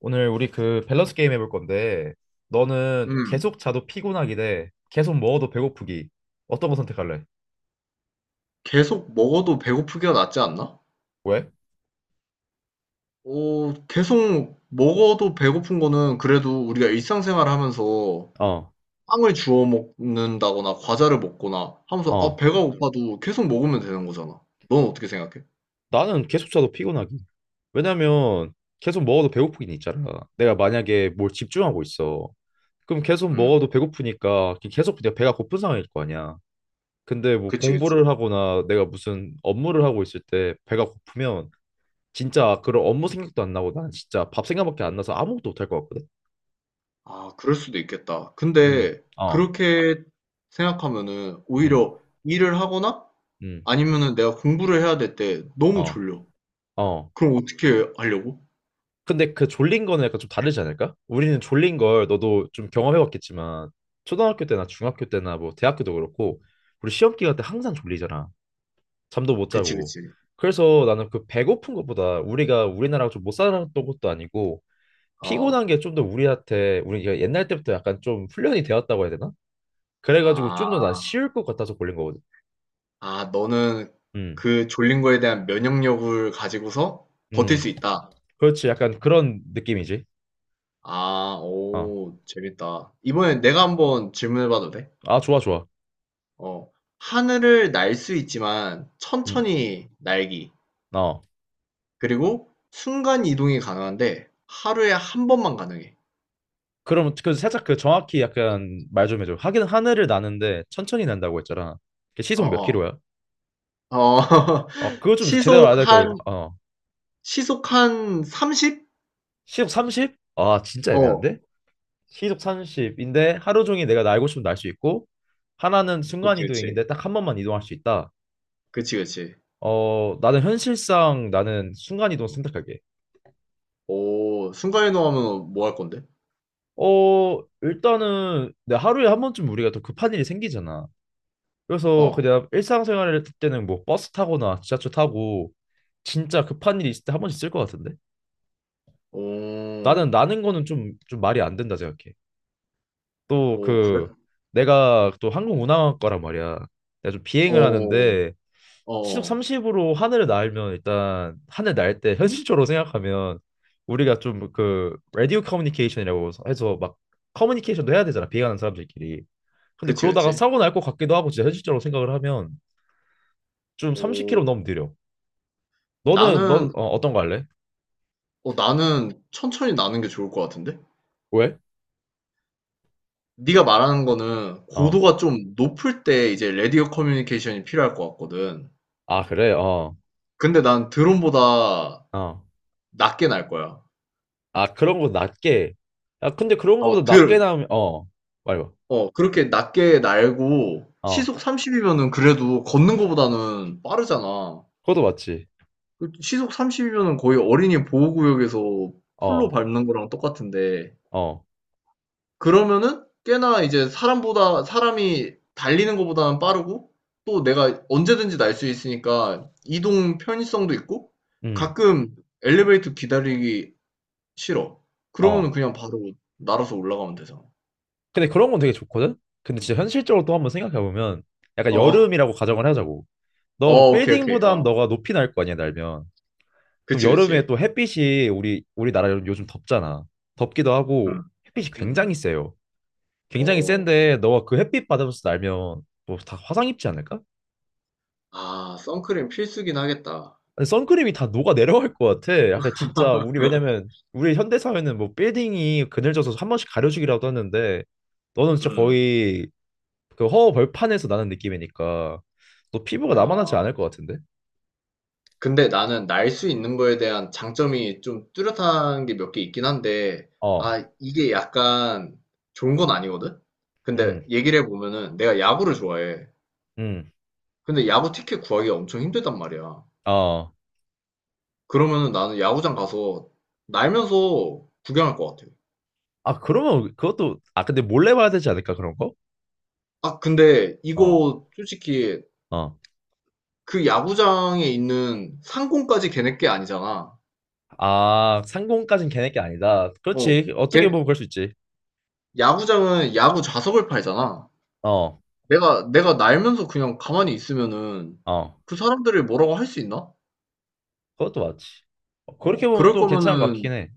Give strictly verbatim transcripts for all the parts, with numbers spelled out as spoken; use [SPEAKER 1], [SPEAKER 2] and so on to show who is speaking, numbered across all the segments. [SPEAKER 1] 오늘 우리 그 밸런스 게임 해볼 건데 너는
[SPEAKER 2] 음.
[SPEAKER 1] 계속 자도 피곤하기 대 계속 먹어도 배고프기 어떤 거 선택할래?
[SPEAKER 2] 계속 먹어도 배고프기가 낫지 않나?
[SPEAKER 1] 왜?
[SPEAKER 2] 어, 계속 먹어도 배고픈 거는 그래도 우리가 일상생활 하면서
[SPEAKER 1] 어,
[SPEAKER 2] 빵을 주워 먹는다거나 과자를 먹거나 하면서 아,
[SPEAKER 1] 어.
[SPEAKER 2] 배가 음. 고파도 계속 먹으면 되는 거잖아. 넌 어떻게 생각해?
[SPEAKER 1] 나는 계속 자도 피곤하기. 왜냐면 계속 먹어도 배고프긴 있잖아. 내가 만약에 뭘 집중하고 있어. 그럼 계속
[SPEAKER 2] 음.
[SPEAKER 1] 먹어도 배고프니까 계속 그냥 배가 고픈 상황일 거 아니야. 근데 뭐
[SPEAKER 2] 그치,
[SPEAKER 1] 공부를
[SPEAKER 2] 그치.
[SPEAKER 1] 하거나 내가 무슨 업무를 하고 있을 때 배가 고프면 진짜 그런 업무 생각도 안 나고 난 진짜 밥 생각밖에 안 나서 아무것도 못할 것 같거든.
[SPEAKER 2] 아, 그럴 수도 있겠다.
[SPEAKER 1] 음.
[SPEAKER 2] 근데
[SPEAKER 1] 어.
[SPEAKER 2] 그렇게 생각하면은
[SPEAKER 1] 음,
[SPEAKER 2] 오히려 일을 하거나
[SPEAKER 1] 음,
[SPEAKER 2] 아니면은 내가 공부를 해야 될 때 너무
[SPEAKER 1] 어,
[SPEAKER 2] 졸려.
[SPEAKER 1] 어.
[SPEAKER 2] 그럼 어떻게 하려고?
[SPEAKER 1] 근데 그 졸린 거는 약간 좀 다르지 않을까? 우리는 졸린 걸 너도 좀 경험해봤겠지만 초등학교 때나 중학교 때나 뭐 대학교도 그렇고 우리 시험 기간 때 항상 졸리잖아. 잠도 못
[SPEAKER 2] 그치,
[SPEAKER 1] 자고.
[SPEAKER 2] 그치.
[SPEAKER 1] 그래서 나는 그 배고픈 것보다 우리가 우리나라가 좀 못 살았던 것도 아니고
[SPEAKER 2] 어.
[SPEAKER 1] 피곤한 게 좀 더 우리한테 우리가 옛날 때부터 약간 좀 훈련이 되었다고 해야 되나? 그래가지고 좀 더 난
[SPEAKER 2] 아.
[SPEAKER 1] 쉬울 것 같아서 골린 거거든.
[SPEAKER 2] 아, 너는
[SPEAKER 1] 음,
[SPEAKER 2] 그 졸린 거에 대한 면역력을 가지고서 버틸
[SPEAKER 1] 음,
[SPEAKER 2] 수 있다.
[SPEAKER 1] 그렇지. 약간 그런 느낌이지.
[SPEAKER 2] 아,
[SPEAKER 1] 어,
[SPEAKER 2] 오, 재밌다. 이번엔 내가 한번 질문해 봐도 돼?
[SPEAKER 1] 아 좋아 좋아.
[SPEAKER 2] 어. 하늘을 날 수 있지만
[SPEAKER 1] 음,
[SPEAKER 2] 천천히 날기.
[SPEAKER 1] 어.
[SPEAKER 2] 그리고 순간 이동이 가능한데 하루에 한 번만 가능해.
[SPEAKER 1] 그럼 그 살짝 그 정확히 약간 말 좀 해줘. 하긴 하늘을 나는데 천천히 난다고 했잖아. 그 시속 몇
[SPEAKER 2] 어어.
[SPEAKER 1] 킬로야?
[SPEAKER 2] 어. 어,
[SPEAKER 1] 어, 그거 좀 제대로
[SPEAKER 2] 시속
[SPEAKER 1] 알아야 될 거야.
[SPEAKER 2] 한
[SPEAKER 1] 어,
[SPEAKER 2] 시속 한 삼십?
[SPEAKER 1] 시속 삼십? 아, 진짜
[SPEAKER 2] 어.
[SPEAKER 1] 애매한데? 시속 삼십인데 하루 종일 내가 날고 싶으면 날 수 있고 하나는
[SPEAKER 2] 그치,
[SPEAKER 1] 순간
[SPEAKER 2] 그치.
[SPEAKER 1] 이동인데 딱 한 번만 이동할 수 있다.
[SPEAKER 2] 그치, 그치.
[SPEAKER 1] 어, 나는 현실상 나는 순간 이동 선택할게.
[SPEAKER 2] 오, 순간 이동하면 뭐 할 건데?
[SPEAKER 1] 어, 일단은 내 하루에 한 번쯤 우리가 더 급한 일이 생기잖아. 그래서
[SPEAKER 2] 어.
[SPEAKER 1] 그냥 일상생활을 했을 때는 뭐 버스 타거나 지하철 타고 진짜 급한 일이 있을 때 한 번씩 쓸 것 같은데 나는
[SPEAKER 2] 오.
[SPEAKER 1] 나는 거는 좀 좀 말이 안 된다 생각해. 또
[SPEAKER 2] 오, 그래?
[SPEAKER 1] 그 내가 또 항공운항학과란 말이야. 내가 좀 비행을
[SPEAKER 2] 어,
[SPEAKER 1] 하는데
[SPEAKER 2] 어,
[SPEAKER 1] 시속
[SPEAKER 2] 어.
[SPEAKER 1] 삼십으로 하늘을 날면 일단 하늘 날 때 현실적으로 생각하면 우리가 좀 그 라디오 커뮤니케이션이라고 해서 막 커뮤니케이션도 해야 되잖아 비행하는 사람들끼리. 근데
[SPEAKER 2] 그치,
[SPEAKER 1] 그러다가
[SPEAKER 2] 그치.
[SPEAKER 1] 사고 날 것 같기도 하고 진짜 현실적으로 생각을 하면 좀
[SPEAKER 2] 오,
[SPEAKER 1] 삼십 킬로미터 너무 느려. 너는 너
[SPEAKER 2] 나는,
[SPEAKER 1] 어, 어떤 거 할래?
[SPEAKER 2] 어, 나는 천천히 나는 게 좋을 것 같은데?
[SPEAKER 1] 왜?
[SPEAKER 2] 네가 말하는 거는
[SPEAKER 1] 어.
[SPEAKER 2] 고도가 좀 높을 때 이제 레디오 커뮤니케이션이 필요할 것 같거든.
[SPEAKER 1] 아, 그래. 어.
[SPEAKER 2] 근데 난 드론보다
[SPEAKER 1] 어.
[SPEAKER 2] 낮게 날 거야.
[SPEAKER 1] 아, 그런 거 낮게. 야, 근데 그런 거보다
[SPEAKER 2] 어,
[SPEAKER 1] 낮게
[SPEAKER 2] 드,
[SPEAKER 1] 나오면 어. 말해봐.
[SPEAKER 2] 어, 그렇게 낮게 날고
[SPEAKER 1] 어.
[SPEAKER 2] 시속 삼십이면은 그래도 걷는 거보다는 빠르잖아.
[SPEAKER 1] 그것도 맞지.
[SPEAKER 2] 그 시속 삼십이면은 거의 어린이 보호구역에서 풀로
[SPEAKER 1] 어.
[SPEAKER 2] 밟는 거랑 똑같은데
[SPEAKER 1] 어.
[SPEAKER 2] 그러면은 꽤나 이제 사람보다 사람이 달리는 것보다는 빠르고, 또 내가 언제든지 날 수 있으니까 이동 편의성도 있고,
[SPEAKER 1] 음.
[SPEAKER 2] 가끔 엘리베이터 기다리기 싫어. 그러면은
[SPEAKER 1] 어.
[SPEAKER 2] 그냥 바로 날아서 올라가면 되잖아.
[SPEAKER 1] 근데 그런 건 되게 좋거든. 근데 진짜 현실적으로 또 한번 생각해 보면 약간
[SPEAKER 2] 어,
[SPEAKER 1] 여름이라고 가정을 하자고. 너
[SPEAKER 2] 어, 오케이, 오케이.
[SPEAKER 1] 빌딩보단
[SPEAKER 2] 어,
[SPEAKER 1] 너가 높이 날 거 아니야, 날면. 그럼
[SPEAKER 2] 그치,
[SPEAKER 1] 여름에
[SPEAKER 2] 그치.
[SPEAKER 1] 또 햇빛이 우리 우리나라 요즘 덥잖아. 덥기도
[SPEAKER 2] 음,
[SPEAKER 1] 하고
[SPEAKER 2] 음,
[SPEAKER 1] 햇빛이 굉장히
[SPEAKER 2] 음.
[SPEAKER 1] 세요. 굉장히
[SPEAKER 2] 어,
[SPEAKER 1] 센데 너가 그 햇빛 받으면서 날면 뭐 다 화상 입지 않을까?
[SPEAKER 2] 아, 선크림 필수긴 하겠다.
[SPEAKER 1] 아니, 선크림이 다 녹아 내려갈 것 같아. 약간 진짜 우리 왜냐면 우리 현대 사회는 뭐 빌딩이 그늘져서 한 번씩 가려주기라도 하는데 너는 진짜
[SPEAKER 2] 음,
[SPEAKER 1] 거의 그 허허 벌판에서 나는 느낌이니까 너 피부가 남아나지
[SPEAKER 2] 아.
[SPEAKER 1] 않을 것 같은데?
[SPEAKER 2] 근데 나는 날 수 있는 거에 대한 장점이 좀 뚜렷한 게 몇 개 있긴 한데,
[SPEAKER 1] 어,
[SPEAKER 2] 아, 이게 약간 좋은 건 아니거든? 근데
[SPEAKER 1] 음,
[SPEAKER 2] 얘기를 해보면은 내가 야구를 좋아해.
[SPEAKER 1] 음,
[SPEAKER 2] 근데 야구 티켓 구하기가 엄청 힘들단 말이야.
[SPEAKER 1] 어.
[SPEAKER 2] 그러면은 나는 야구장 가서 날면서 구경할 것 같아.
[SPEAKER 1] 아 그러면 그것도 아 근데 몰래 봐야 되지 않을까 그런 거?
[SPEAKER 2] 아, 근데
[SPEAKER 1] 어,
[SPEAKER 2] 이거 솔직히
[SPEAKER 1] 어.
[SPEAKER 2] 그 야구장에 있는 상공까지 걔네 게 아니잖아.
[SPEAKER 1] 아 상공까진 걔네 게 아니다.
[SPEAKER 2] 어,
[SPEAKER 1] 그렇지. 어떻게
[SPEAKER 2] 걔,
[SPEAKER 1] 보면 그럴 수 있지.
[SPEAKER 2] 야구장은 야구 좌석을 팔잖아.
[SPEAKER 1] 어,
[SPEAKER 2] 내가 내가 날면서 그냥 가만히 있으면은
[SPEAKER 1] 어.
[SPEAKER 2] 그 사람들이 뭐라고 할 수 있나?
[SPEAKER 1] 그것도 맞지. 어, 그렇게
[SPEAKER 2] 어.
[SPEAKER 1] 보면
[SPEAKER 2] 그럴
[SPEAKER 1] 또 괜찮은 것 같긴
[SPEAKER 2] 거면은
[SPEAKER 1] 해.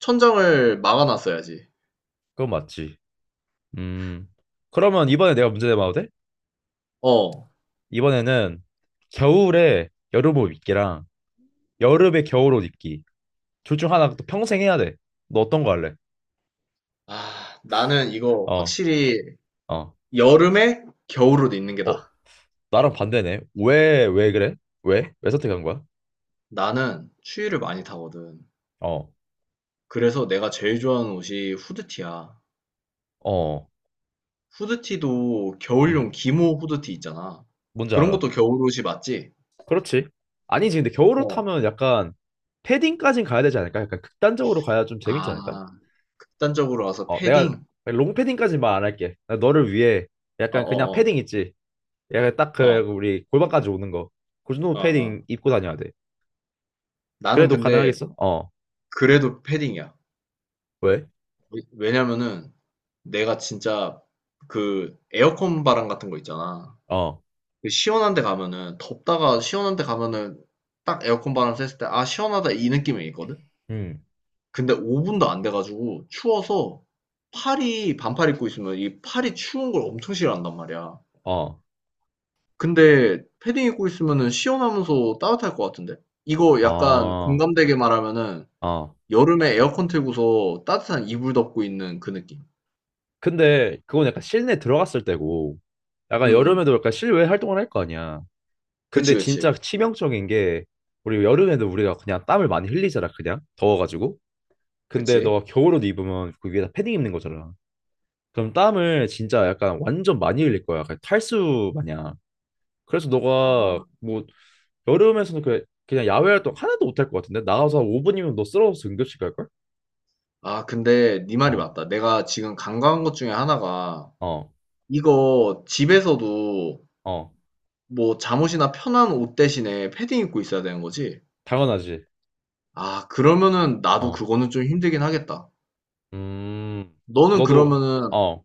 [SPEAKER 2] 천장을 막아 놨어야지.
[SPEAKER 1] 그건 맞지. 음. 그러면 이번에 내가 문제 내봐도 돼?
[SPEAKER 2] 어.
[SPEAKER 1] 이번에는 겨울에 여름옷 입기랑 여름에 겨울옷 입기. 둘 중 하나 또 평생 해야 돼. 너 어떤 거 할래?
[SPEAKER 2] 아, 나는 이거
[SPEAKER 1] 어,
[SPEAKER 2] 확실히
[SPEAKER 1] 어.
[SPEAKER 2] 여름에 겨울옷 입는 게
[SPEAKER 1] 어,
[SPEAKER 2] 나아.
[SPEAKER 1] 나랑 반대네. 왜, 왜 그래? 왜? 왜 선택한 거야?
[SPEAKER 2] 나는 추위를 많이 타거든.
[SPEAKER 1] 어,
[SPEAKER 2] 그래서 내가 제일 좋아하는 옷이 후드티야.
[SPEAKER 1] 어.
[SPEAKER 2] 후드티도 겨울용
[SPEAKER 1] 음,
[SPEAKER 2] 기모 후드티 있잖아.
[SPEAKER 1] 뭔지
[SPEAKER 2] 그런
[SPEAKER 1] 알아.
[SPEAKER 2] 것도 겨울옷이 맞지?
[SPEAKER 1] 그렇지. 아니지, 근데 겨울옷
[SPEAKER 2] 어.
[SPEAKER 1] 하면 약간 패딩까진 가야 되지 않을까? 약간 극단적으로 가야 좀 재밌지
[SPEAKER 2] 아,
[SPEAKER 1] 않을까?
[SPEAKER 2] 극단적으로 와서
[SPEAKER 1] 어, 내가
[SPEAKER 2] 패딩.
[SPEAKER 1] 롱패딩까지 말 안 할게. 나 너를 위해
[SPEAKER 2] 어,
[SPEAKER 1] 약간 그냥
[SPEAKER 2] 어, 어.
[SPEAKER 1] 패딩 있지. 약간 딱 그
[SPEAKER 2] 어.
[SPEAKER 1] 우리 골반까지 오는 거. 그 정도 패딩
[SPEAKER 2] 어어.
[SPEAKER 1] 입고 다녀야 돼.
[SPEAKER 2] 나는
[SPEAKER 1] 그래도
[SPEAKER 2] 근데
[SPEAKER 1] 가능하겠어? 어.
[SPEAKER 2] 그래도 패딩이야.
[SPEAKER 1] 왜?
[SPEAKER 2] 왜- 왜냐면은 내가 진짜 그 에어컨 바람 같은 거 있잖아.
[SPEAKER 1] 어.
[SPEAKER 2] 그 시원한 데 가면은 덥다가 시원한 데 가면은 딱 에어컨 바람 쐈을 때 아, 시원하다, 이 느낌이 있거든.
[SPEAKER 1] 음.
[SPEAKER 2] 근데 오 분도 안 돼가지고 추워서, 팔이, 반팔 입고 있으면 이 팔이 추운 걸 엄청 싫어한단 말이야.
[SPEAKER 1] 어.
[SPEAKER 2] 근데 패딩 입고 있으면은 시원하면서 따뜻할 것 같은데? 이거 약간
[SPEAKER 1] 어.
[SPEAKER 2] 공감되게 말하면은
[SPEAKER 1] 어.
[SPEAKER 2] 여름에 에어컨 틀고서 따뜻한 이불 덮고 있는 그 느낌.
[SPEAKER 1] 근데 그건 약간 실내 들어갔을 때고 약간
[SPEAKER 2] 응응.
[SPEAKER 1] 여름에도 약간 실외 활동을 할 거 아니야. 근데
[SPEAKER 2] 그치, 그치.
[SPEAKER 1] 진짜 치명적인 게 우리 여름에도 우리가 그냥 땀을 많이 흘리잖아. 그냥 더워가지고. 근데
[SPEAKER 2] 그치.
[SPEAKER 1] 너가 겨울옷 입으면 그 위에다 패딩 입는 거잖아. 그럼 땀을 진짜 약간 완전 많이 흘릴 거야. 그냥 탈수 마냥. 그래서 너가
[SPEAKER 2] 아.
[SPEAKER 1] 뭐 여름에서는 그 그냥 야외 활동 하나도 못할 것 같은데 나가서 한 오 분이면 너 쓰러져서 응급실 갈 걸?
[SPEAKER 2] 아, 근데 네 말이
[SPEAKER 1] 어.
[SPEAKER 2] 맞다. 내가 지금 간과한 것 중에 하나가,
[SPEAKER 1] 어,
[SPEAKER 2] 이거 집에서도
[SPEAKER 1] 어,
[SPEAKER 2] 뭐 잠옷이나 편한 옷 대신에 패딩 입고 있어야 되는 거지?
[SPEAKER 1] 당연하지.
[SPEAKER 2] 아, 그러면은 나도
[SPEAKER 1] 어,
[SPEAKER 2] 그거는 좀 힘들긴 하겠다.
[SPEAKER 1] 음, 그럼
[SPEAKER 2] 너는
[SPEAKER 1] 너도
[SPEAKER 2] 그러면은
[SPEAKER 1] 어,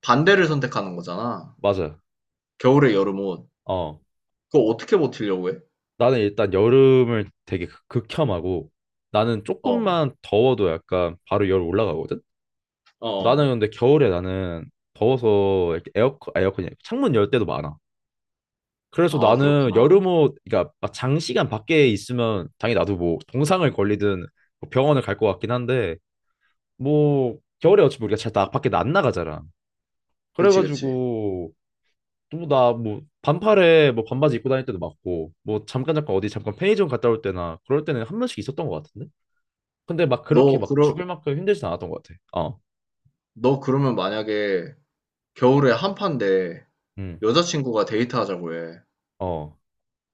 [SPEAKER 2] 반대를 선택하는 거잖아.
[SPEAKER 1] 맞아.
[SPEAKER 2] 겨울에 여름 옷.
[SPEAKER 1] 어,
[SPEAKER 2] 그거 어떻게 버티려고 해?
[SPEAKER 1] 나는 일단 여름을 되게 극- 극혐하고 나는
[SPEAKER 2] 어.
[SPEAKER 1] 조금만 더워도 약간 바로 열 올라가거든.
[SPEAKER 2] 어,
[SPEAKER 1] 나는
[SPEAKER 2] 어.
[SPEAKER 1] 근데 겨울에 나는 더워서 이렇게 에어컨, 아, 에어컨이 아니라 창문 열 때도 많아. 그래서
[SPEAKER 2] 아,
[SPEAKER 1] 나는
[SPEAKER 2] 그렇구나.
[SPEAKER 1] 여름옷, 그러니까 막 장시간 밖에 있으면 당연히 나도 뭐 동상을 걸리든 뭐 병원을 갈 것 같긴 한데 뭐 겨울에 어차피 우리가 잘 나, 밖에 안 나가잖아.
[SPEAKER 2] 그치, 그치.
[SPEAKER 1] 그래가지고 또나뭐 반팔에 뭐 반바지 입고 다닐 때도 많고 뭐 잠깐 잠깐 어디 잠깐 편의점 갔다 올 때나 그럴 때는 한 번씩 있었던 것 같은데? 근데 막 그렇게
[SPEAKER 2] 너
[SPEAKER 1] 막 죽을
[SPEAKER 2] 그러
[SPEAKER 1] 만큼 힘들진 않았던 것 같아. 어,
[SPEAKER 2] 너 그러면 만약에 겨울에 한파인데
[SPEAKER 1] 음,
[SPEAKER 2] 여자친구가 데이트하자고 해.
[SPEAKER 1] 어,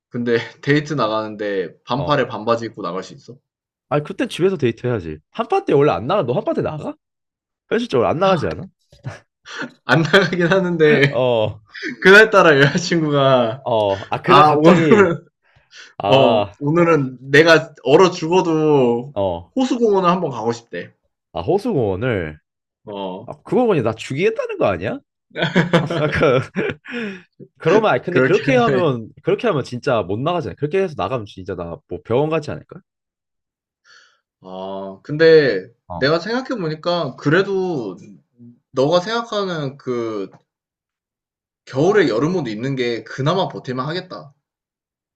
[SPEAKER 2] 근데 데이트 나가는데
[SPEAKER 1] 어.
[SPEAKER 2] 반팔에 반바지 입고 나갈 수 있어?
[SPEAKER 1] 아니 그땐 집에서 데이트해야지. 한파 때 원래 안 나가. 너 한파 때 나가? 현실적으로 안 나가지 않아?
[SPEAKER 2] 안 나가긴 하는데
[SPEAKER 1] 어.
[SPEAKER 2] 그날따라 여자친구가
[SPEAKER 1] 어, 아, 그날
[SPEAKER 2] 아 오늘
[SPEAKER 1] 갑자기,
[SPEAKER 2] 어
[SPEAKER 1] 아,
[SPEAKER 2] 오늘은 내가 얼어 죽어도
[SPEAKER 1] 어,
[SPEAKER 2] 호수공원을 한번 가고 싶대.
[SPEAKER 1] 아, 호수공원을,
[SPEAKER 2] 어,
[SPEAKER 1] 아, 그거 보니 나 죽이겠다는 거 아니야? 약간, 그러면, 아니, 근데
[SPEAKER 2] 그렇게
[SPEAKER 1] 그렇게
[SPEAKER 2] 하네.
[SPEAKER 1] 하면, 그렇게 하면 진짜 못 나가잖아. 그렇게 해서 나가면 진짜 나 뭐 병원 가지 않을까?
[SPEAKER 2] 아, 근데
[SPEAKER 1] 어.
[SPEAKER 2] 내가 생각해 보니까, 그래도 너가 생각하는 그 겨울에 여름 옷 입는 게 그나마 버틸만 하겠다.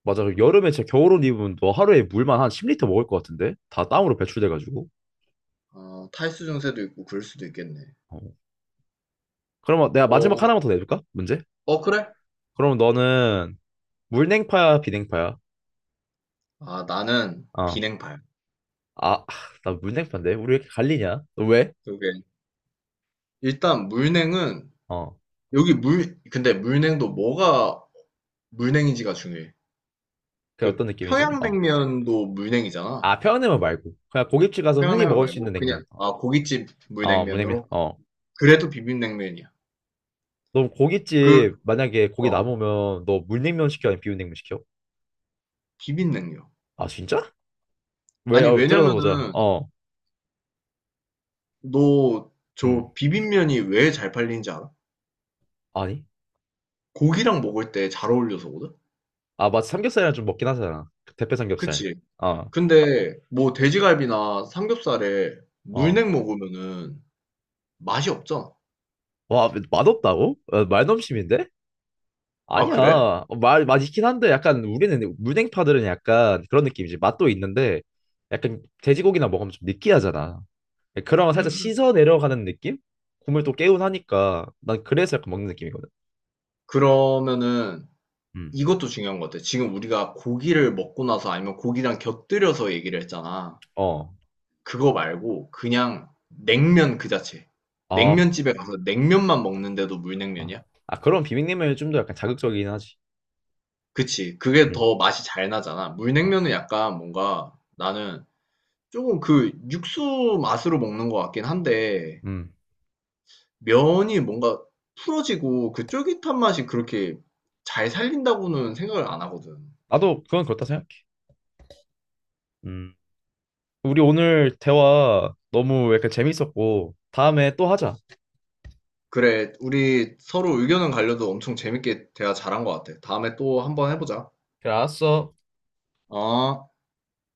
[SPEAKER 1] 맞아. 그 여름에 진짜 겨울옷 입으면 너 하루에 물만 한 십 리터 먹을 것 같은데? 다 땀으로 배출돼가지고.
[SPEAKER 2] 어, 탈수 증세도 있고 그럴 수도 있겠네.
[SPEAKER 1] 어. 그러면 내가 마지막
[SPEAKER 2] 어,
[SPEAKER 1] 하나만 더 내줄까? 문제?
[SPEAKER 2] 어, 그래?
[SPEAKER 1] 그럼 너는 물냉파야, 비냉파야?
[SPEAKER 2] 아, 나는
[SPEAKER 1] 어.
[SPEAKER 2] 비냉발.
[SPEAKER 1] 아, 나 물냉파인데? 우리 왜 이렇게 갈리냐? 너 왜?
[SPEAKER 2] 그게 일단 물냉은
[SPEAKER 1] 어.
[SPEAKER 2] 여기 물 근데 물냉도 뭐가 물냉인지가 중요해.
[SPEAKER 1] 그게
[SPEAKER 2] 그
[SPEAKER 1] 어떤 느낌이지? 어.
[SPEAKER 2] 평양냉면도 물냉이잖아.
[SPEAKER 1] 아, 편 냉면 말고. 그냥 고깃집 가서 흔히
[SPEAKER 2] 평양냉면
[SPEAKER 1] 먹을 수
[SPEAKER 2] 말고
[SPEAKER 1] 있는 냉면.
[SPEAKER 2] 그냥 아, 고깃집
[SPEAKER 1] 어, 물냉면.
[SPEAKER 2] 물냉면으로
[SPEAKER 1] 어.
[SPEAKER 2] 그래도 비빔냉면이야.
[SPEAKER 1] 너
[SPEAKER 2] 그
[SPEAKER 1] 고깃집 만약에 고기
[SPEAKER 2] 어
[SPEAKER 1] 남으면 너 물냉면 시켜? 아니면 비빔냉면 시켜?
[SPEAKER 2] 비빔냉면.
[SPEAKER 1] 아, 진짜? 왜?
[SPEAKER 2] 아니,
[SPEAKER 1] 어,
[SPEAKER 2] 왜냐면은
[SPEAKER 1] 들어보자. 어.
[SPEAKER 2] 너
[SPEAKER 1] 음.
[SPEAKER 2] 저 비빔면이 왜 잘 팔리는지 알아?
[SPEAKER 1] 아니?
[SPEAKER 2] 고기랑 먹을 때 잘 어울려서거든.
[SPEAKER 1] 아, 맞 삼겹살이랑 좀 먹긴 하잖아. 그 대패 삼겹살.
[SPEAKER 2] 그치?
[SPEAKER 1] 어.
[SPEAKER 2] 근데 뭐 돼지갈비나 삼겹살에
[SPEAKER 1] 어.
[SPEAKER 2] 물냉 먹으면은 맛이 없잖아.
[SPEAKER 1] 와, 맛없다고? 어, 말넘심인데?
[SPEAKER 2] 아,
[SPEAKER 1] 아니야.
[SPEAKER 2] 그래?
[SPEAKER 1] 어, 말, 맛있긴 한데 약간 우리는 물냉파들은 약간 그런 느낌이지. 맛도 있는데 약간 돼지고기나 먹으면 좀 느끼하잖아. 네, 그런 거
[SPEAKER 2] 음.
[SPEAKER 1] 살짝
[SPEAKER 2] 음.
[SPEAKER 1] 씻어 내려가는 느낌? 국물 또 개운하니까 난 그래서 약간 먹는 느낌이거든.
[SPEAKER 2] 그러면은
[SPEAKER 1] 음.
[SPEAKER 2] 이것도 중요한 것 같아. 지금 우리가 고기를 먹고 나서, 아니면 고기랑 곁들여서 얘기를 했잖아.
[SPEAKER 1] 어.
[SPEAKER 2] 그거 말고 그냥 냉면 그 자체.
[SPEAKER 1] 어.
[SPEAKER 2] 냉면집에 가서 냉면만 먹는데도
[SPEAKER 1] 아,
[SPEAKER 2] 물냉면이야?
[SPEAKER 1] 아, 그런 비빔냉면이 좀 더 약간 자극적이긴 하지.
[SPEAKER 2] 그치. 그게
[SPEAKER 1] 음.
[SPEAKER 2] 더 맛이 잘 나잖아.
[SPEAKER 1] 어.
[SPEAKER 2] 물냉면은 약간 뭔가, 나는 조금 그 육수 맛으로 먹는 것 같긴 한데,
[SPEAKER 1] 음.
[SPEAKER 2] 면이 뭔가 풀어지고 그 쫄깃한 맛이 그렇게 잘 살린다고는 생각을 안 하거든.
[SPEAKER 1] 나도 그건 그렇다 생각해. 음. 우리 오늘 대화 너무 약간 재밌었고 다음에 또 하자.
[SPEAKER 2] 그래, 우리 서로 의견은 갈려도 엄청 재밌게 대화 잘한 것 같아. 다음에 또 한번 해보자.
[SPEAKER 1] 그래, 알았어.
[SPEAKER 2] 어?